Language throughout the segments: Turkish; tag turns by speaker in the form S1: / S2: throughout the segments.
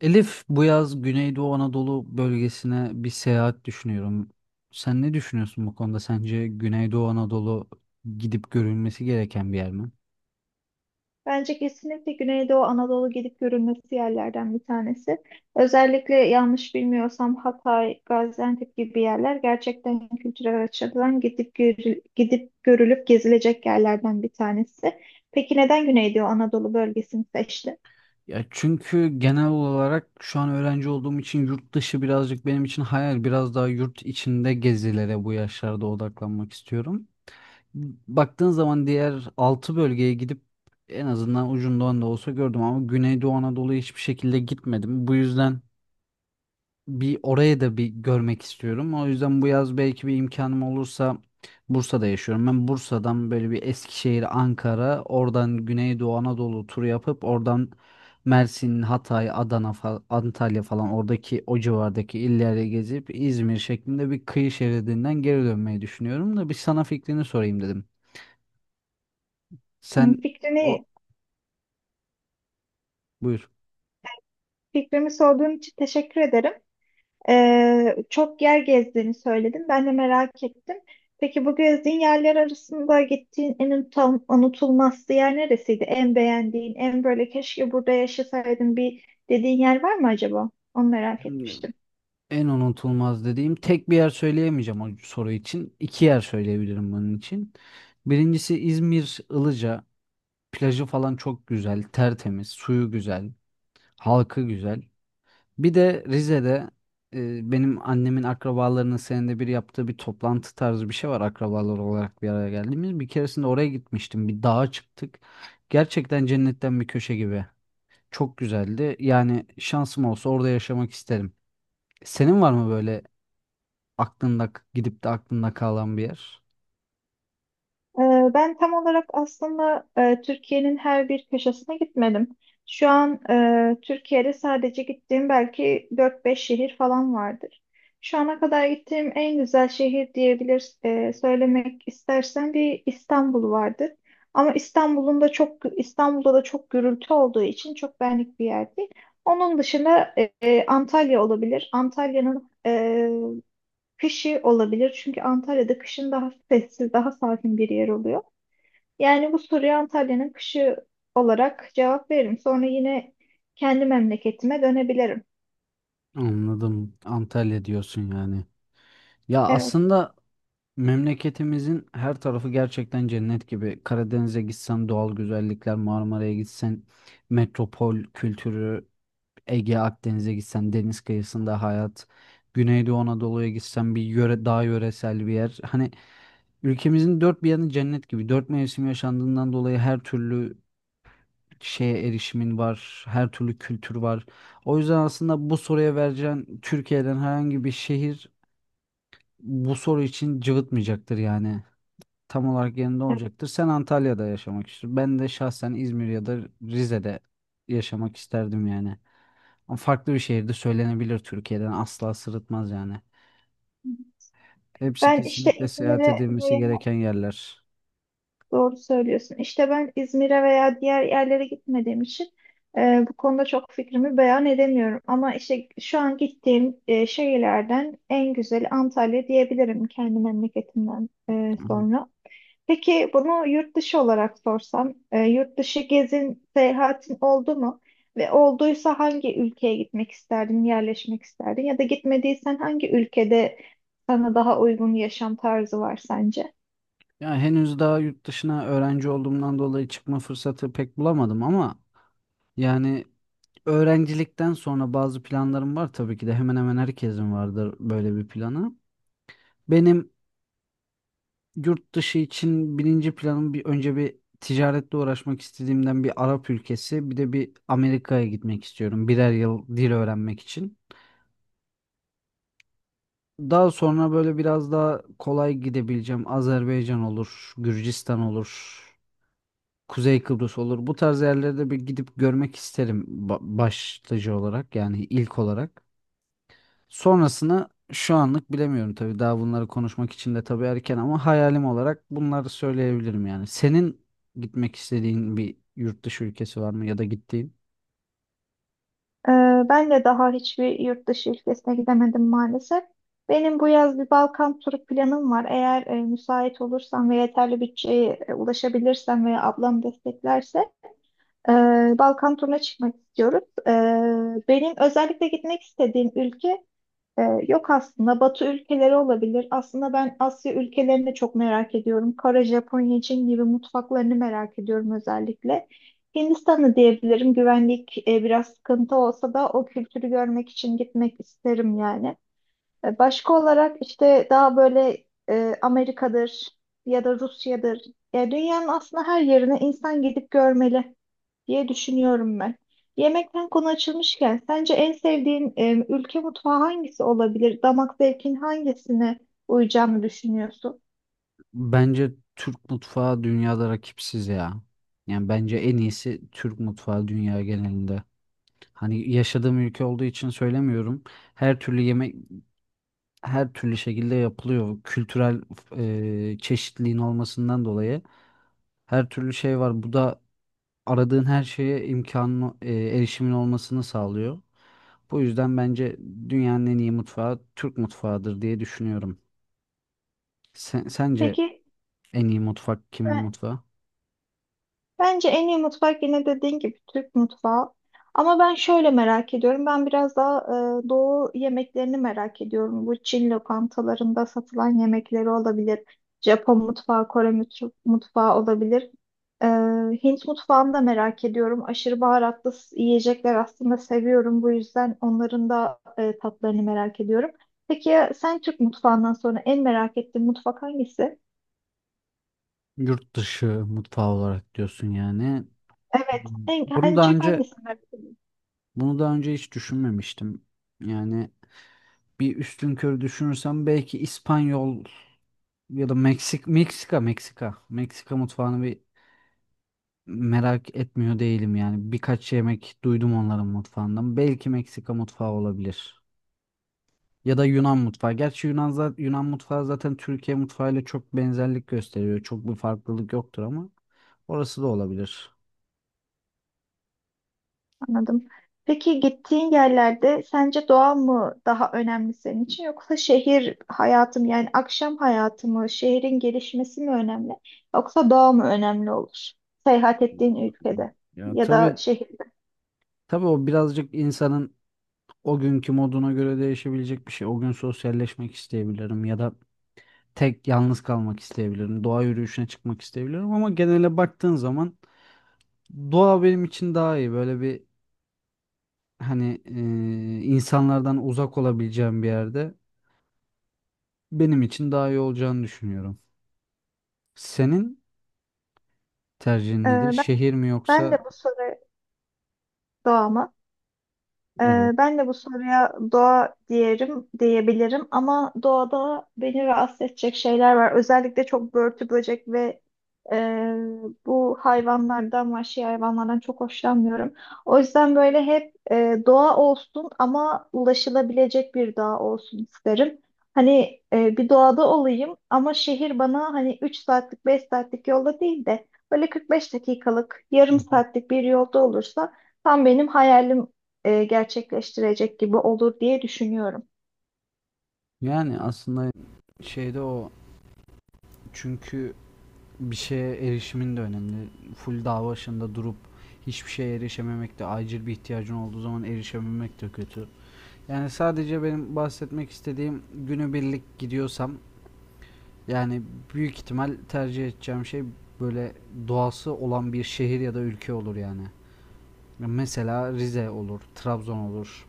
S1: Elif, bu yaz Güneydoğu Anadolu bölgesine bir seyahat düşünüyorum. Sen ne düşünüyorsun bu konuda? Sence Güneydoğu Anadolu gidip görülmesi gereken bir yer mi?
S2: Bence kesinlikle Güneydoğu Anadolu gidip görülmesi yerlerden bir tanesi. Özellikle yanlış bilmiyorsam Hatay, Gaziantep gibi yerler gerçekten kültürel açıdan gidip görülüp gezilecek yerlerden bir tanesi. Peki neden Güneydoğu Anadolu bölgesini seçtin?
S1: Ya çünkü genel olarak şu an öğrenci olduğum için yurt dışı birazcık benim için hayal. Biraz daha yurt içinde gezilere bu yaşlarda odaklanmak istiyorum. Baktığın zaman diğer 6 bölgeye gidip en azından ucundan da olsa gördüm ama Güneydoğu Anadolu'ya hiçbir şekilde gitmedim. Bu yüzden bir orayı da bir görmek istiyorum. O yüzden bu yaz belki bir imkanım olursa Bursa'da yaşıyorum. Ben Bursa'dan böyle bir Eskişehir, Ankara, oradan Güneydoğu Anadolu turu yapıp oradan Mersin, Hatay, Adana, Antalya falan oradaki o civardaki illere gezip İzmir şeklinde bir kıyı şeridinden geri dönmeyi düşünüyorum da bir sana fikrini sorayım dedim.
S2: Hmm,
S1: Sen o Buyur.
S2: Fikrimi sorduğun için teşekkür ederim. Çok yer gezdiğini söyledin. Ben de merak ettim. Peki bu gezdiğin yerler arasında gittiğin en unutulmaz yer neresiydi? En beğendiğin, en böyle keşke burada yaşasaydım bir dediğin yer var mı acaba? Onu merak etmiştim.
S1: En unutulmaz dediğim tek bir yer söyleyemeyeceğim o soru için. İki yer söyleyebilirim bunun için. Birincisi İzmir Ilıca. Plajı falan çok güzel, tertemiz, suyu güzel, halkı güzel. Bir de Rize'de benim annemin akrabalarının senede bir yaptığı bir toplantı tarzı bir şey var akrabalar olarak bir araya geldiğimiz. Bir keresinde oraya gitmiştim. Bir dağa çıktık. Gerçekten cennetten bir köşe gibi. Çok güzeldi. Yani şansım olsa orada yaşamak isterim. Senin var mı böyle aklında gidip de aklında kalan bir yer?
S2: Ben tam olarak aslında Türkiye'nin her bir köşesine gitmedim. Şu an Türkiye'de sadece gittiğim belki dört beş şehir falan vardır. Şu ana kadar gittiğim en güzel şehir diyebilir söylemek istersen bir İstanbul vardır. Ama İstanbul'da da çok gürültü olduğu için çok benlik bir yer değil. Onun dışında Antalya olabilir. Antalya'nın kışı olabilir. Çünkü Antalya'da kışın daha sessiz, daha sakin bir yer oluyor. Yani bu soruya Antalya'nın kışı olarak cevap veririm. Sonra yine kendi memleketime dönebilirim.
S1: Anladım. Antalya diyorsun yani. Ya
S2: Evet.
S1: aslında memleketimizin her tarafı gerçekten cennet gibi. Karadeniz'e gitsen doğal güzellikler, Marmara'ya gitsen metropol kültürü, Ege, Akdeniz'e gitsen deniz kıyısında hayat, Güneydoğu Anadolu'ya gitsen bir yöre, daha yöresel bir yer. Hani ülkemizin dört bir yanı cennet gibi. Dört mevsim yaşandığından dolayı her türlü şeye erişimin var, her türlü kültür var. O yüzden aslında bu soruya vereceğin Türkiye'den herhangi bir şehir bu soru için cıvıtmayacaktır yani. Tam olarak yanında
S2: Evet.
S1: olacaktır. Sen Antalya'da yaşamak istiyorsun. Ben de şahsen İzmir ya da Rize'de yaşamak isterdim yani. Ama farklı bir şehirde söylenebilir Türkiye'den asla sırıtmaz yani. Hepsi
S2: Ben işte
S1: kesinlikle seyahat
S2: İzmir'e
S1: edilmesi
S2: veya
S1: gereken yerler.
S2: doğru söylüyorsun. İşte ben İzmir'e veya diğer yerlere gitmediğim için bu konuda çok fikrimi beyan edemiyorum. Ama işte şu an gittiğim şehirlerden en güzeli Antalya diyebilirim kendi memleketimden
S1: Hı.
S2: sonra. Peki bunu yurt dışı olarak sorsam, yurt dışı gezin, seyahatin oldu mu? Ve olduysa hangi ülkeye gitmek isterdin, yerleşmek isterdin? Ya da gitmediysen hangi ülkede sana daha uygun yaşam tarzı var sence?
S1: Ya henüz daha yurt dışına öğrenci olduğumdan dolayı çıkma fırsatı pek bulamadım ama yani öğrencilikten sonra bazı planlarım var tabii ki de hemen hemen herkesin vardır böyle bir planı. Benim yurt dışı için birinci planım bir önce bir ticaretle uğraşmak istediğimden bir Arap ülkesi bir de bir Amerika'ya gitmek istiyorum birer yıl dil öğrenmek için. Daha sonra böyle biraz daha kolay gidebileceğim Azerbaycan olur, Gürcistan olur, Kuzey Kıbrıs olur. Bu tarz yerlere de bir gidip görmek isterim başlıca olarak yani ilk olarak. Sonrasını şu anlık bilemiyorum tabii. Daha bunları konuşmak için de tabii erken ama hayalim olarak bunları söyleyebilirim yani. Senin gitmek istediğin bir yurt dışı ülkesi var mı ya da gittiğin?
S2: Ee, Ben de daha hiçbir yurt dışı ülkesine gidemedim maalesef. Benim bu yaz bir Balkan turu planım var. Eğer müsait olursam ve yeterli bütçeye ulaşabilirsem veya ablam desteklerse Balkan turuna çıkmak istiyoruz. Benim özellikle gitmek istediğim ülke e, yok aslında. Batı ülkeleri olabilir. Aslında ben Asya ülkelerini de çok merak ediyorum. Kore, Japonya, Çin gibi mutfaklarını merak ediyorum özellikle. Hindistan'ı diyebilirim. Güvenlik biraz sıkıntı olsa da o kültürü görmek için gitmek isterim yani. Başka olarak işte daha böyle Amerika'dır ya da Rusya'dır. Ya dünyanın aslında her yerine insan gidip görmeli diye düşünüyorum ben. Yemekten konu açılmışken sence en sevdiğin ülke mutfağı hangisi olabilir? Damak zevkin hangisine uyacağını düşünüyorsun?
S1: Bence Türk mutfağı dünyada rakipsiz ya. Yani bence en iyisi Türk mutfağı dünya genelinde. Hani yaşadığım ülke olduğu için söylemiyorum. Her türlü yemek her türlü şekilde yapılıyor. Kültürel çeşitliliğin olmasından dolayı her türlü şey var. Bu da aradığın her şeye imkanın erişimin olmasını sağlıyor. Bu yüzden bence dünyanın en iyi mutfağı Türk mutfağıdır diye düşünüyorum. Sen, sence
S2: Peki
S1: en iyi mutfak kimin
S2: e,
S1: mutfağı?
S2: Bence en iyi mutfak yine dediğin gibi Türk mutfağı. Ama ben şöyle merak ediyorum. Ben biraz daha doğu yemeklerini merak ediyorum. Bu Çin lokantalarında satılan yemekleri olabilir. Japon mutfağı, mutfağı olabilir. E, Hint mutfağını da merak ediyorum. Aşırı baharatlı yiyecekler aslında seviyorum. Bu yüzden onların da tatlarını merak ediyorum. Peki ya sen Türk mutfağından sonra en merak ettiğin mutfak hangisi?
S1: Yurt dışı mutfağı olarak diyorsun yani.
S2: Evet,
S1: Bunu
S2: en
S1: daha
S2: çok
S1: önce
S2: hangisini merak ediyorsun?
S1: bunu daha önce hiç düşünmemiştim. Yani bir üstünkörü düşünürsem belki İspanyol ya da Meksika mutfağını bir merak etmiyor değilim yani. Birkaç yemek duydum onların mutfağından. Belki Meksika mutfağı olabilir. Ya da Yunan mutfağı. Gerçi Yunan mutfağı zaten Türkiye mutfağıyla çok benzerlik gösteriyor. Çok bir farklılık yoktur ama orası da olabilir.
S2: Anladım. Peki gittiğin yerlerde sence doğa mı daha önemli senin için yoksa şehir hayatı mı, yani akşam hayatı mı, şehrin gelişmesi mi önemli yoksa doğa mı önemli olur seyahat ettiğin ülkede
S1: Ya
S2: ya da
S1: tabii
S2: şehirde?
S1: tabii o birazcık insanın o günkü moduna göre değişebilecek bir şey. O gün sosyalleşmek isteyebilirim ya da tek yalnız kalmak isteyebilirim. Doğa yürüyüşüne çıkmak isteyebilirim ama genele baktığın zaman doğa benim için daha iyi. Böyle bir hani insanlardan uzak olabileceğim bir yerde benim için daha iyi olacağını düşünüyorum. Senin tercihin
S2: Ee,
S1: nedir?
S2: ben,
S1: Şehir mi
S2: ben
S1: yoksa
S2: de bu soru doğama
S1: evet.
S2: Ben de bu soruya doğa diyelim, diyebilirim ama doğada beni rahatsız edecek şeyler var. Özellikle çok börtü böcek ve e, bu hayvanlardan, vahşi hayvanlardan çok hoşlanmıyorum. O yüzden böyle hep doğa olsun ama ulaşılabilecek bir doğa olsun isterim. Hani bir doğada olayım ama şehir bana hani 3 saatlik, 5 saatlik yolda değil de böyle 45 dakikalık,
S1: Hı
S2: yarım
S1: hı.
S2: saatlik bir yolda olursa tam benim hayalim gerçekleştirecek gibi olur diye düşünüyorum.
S1: Yani aslında şeyde o çünkü bir şeye erişimin de önemli. Full dağ başında durup hiçbir şeye erişememek de acil bir ihtiyacın olduğu zaman erişememek de kötü. Yani sadece benim bahsetmek istediğim günübirlik gidiyorsam yani büyük ihtimal tercih edeceğim şey böyle doğası olan bir şehir ya da ülke olur yani. Mesela Rize olur, Trabzon olur,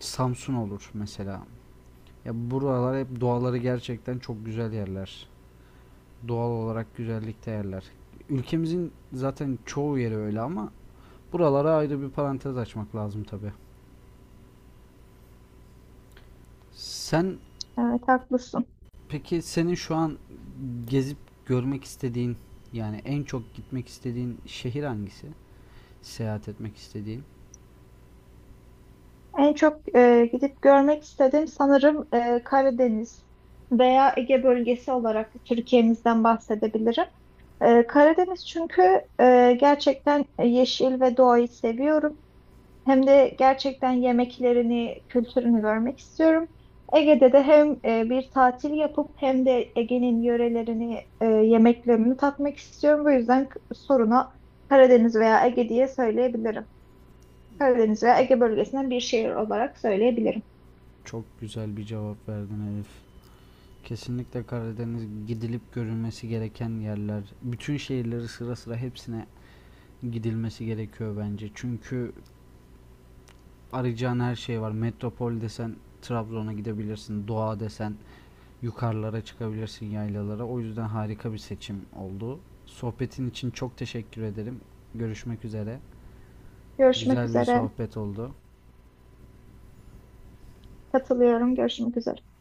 S1: Samsun olur mesela. Ya buralar hep doğaları gerçekten çok güzel yerler. Doğal olarak güzellikte yerler. Ülkemizin zaten çoğu yeri öyle ama buralara ayrı bir parantez açmak lazım tabii. Sen
S2: Evet haklısın.
S1: peki senin şu an gezip görmek istediğin yani en çok gitmek istediğin şehir hangisi? Seyahat etmek istediğin?
S2: En çok gidip görmek istediğim sanırım Karadeniz veya Ege bölgesi olarak Türkiye'mizden bahsedebilirim. Karadeniz çünkü gerçekten yeşil ve doğayı seviyorum. Hem de gerçekten yemeklerini, kültürünü görmek istiyorum. Ege'de de hem bir tatil yapıp hem de Ege'nin yörelerini, yemeklerini tatmak istiyorum. Bu yüzden soruna Karadeniz veya Ege diye söyleyebilirim. Karadeniz veya Ege bölgesinden bir şehir olarak söyleyebilirim.
S1: Çok güzel bir cevap verdin Elif. Kesinlikle Karadeniz gidilip görülmesi gereken yerler. Bütün şehirleri sıra sıra hepsine gidilmesi gerekiyor bence. Çünkü arayacağın her şey var. Metropol desen Trabzon'a gidebilirsin. Doğa desen yukarılara çıkabilirsin yaylalara. O yüzden harika bir seçim oldu. Sohbetin için çok teşekkür ederim. Görüşmek üzere.
S2: Görüşmek
S1: Güzel bir
S2: üzere.
S1: sohbet oldu.
S2: Katılıyorum. Görüşmek üzere.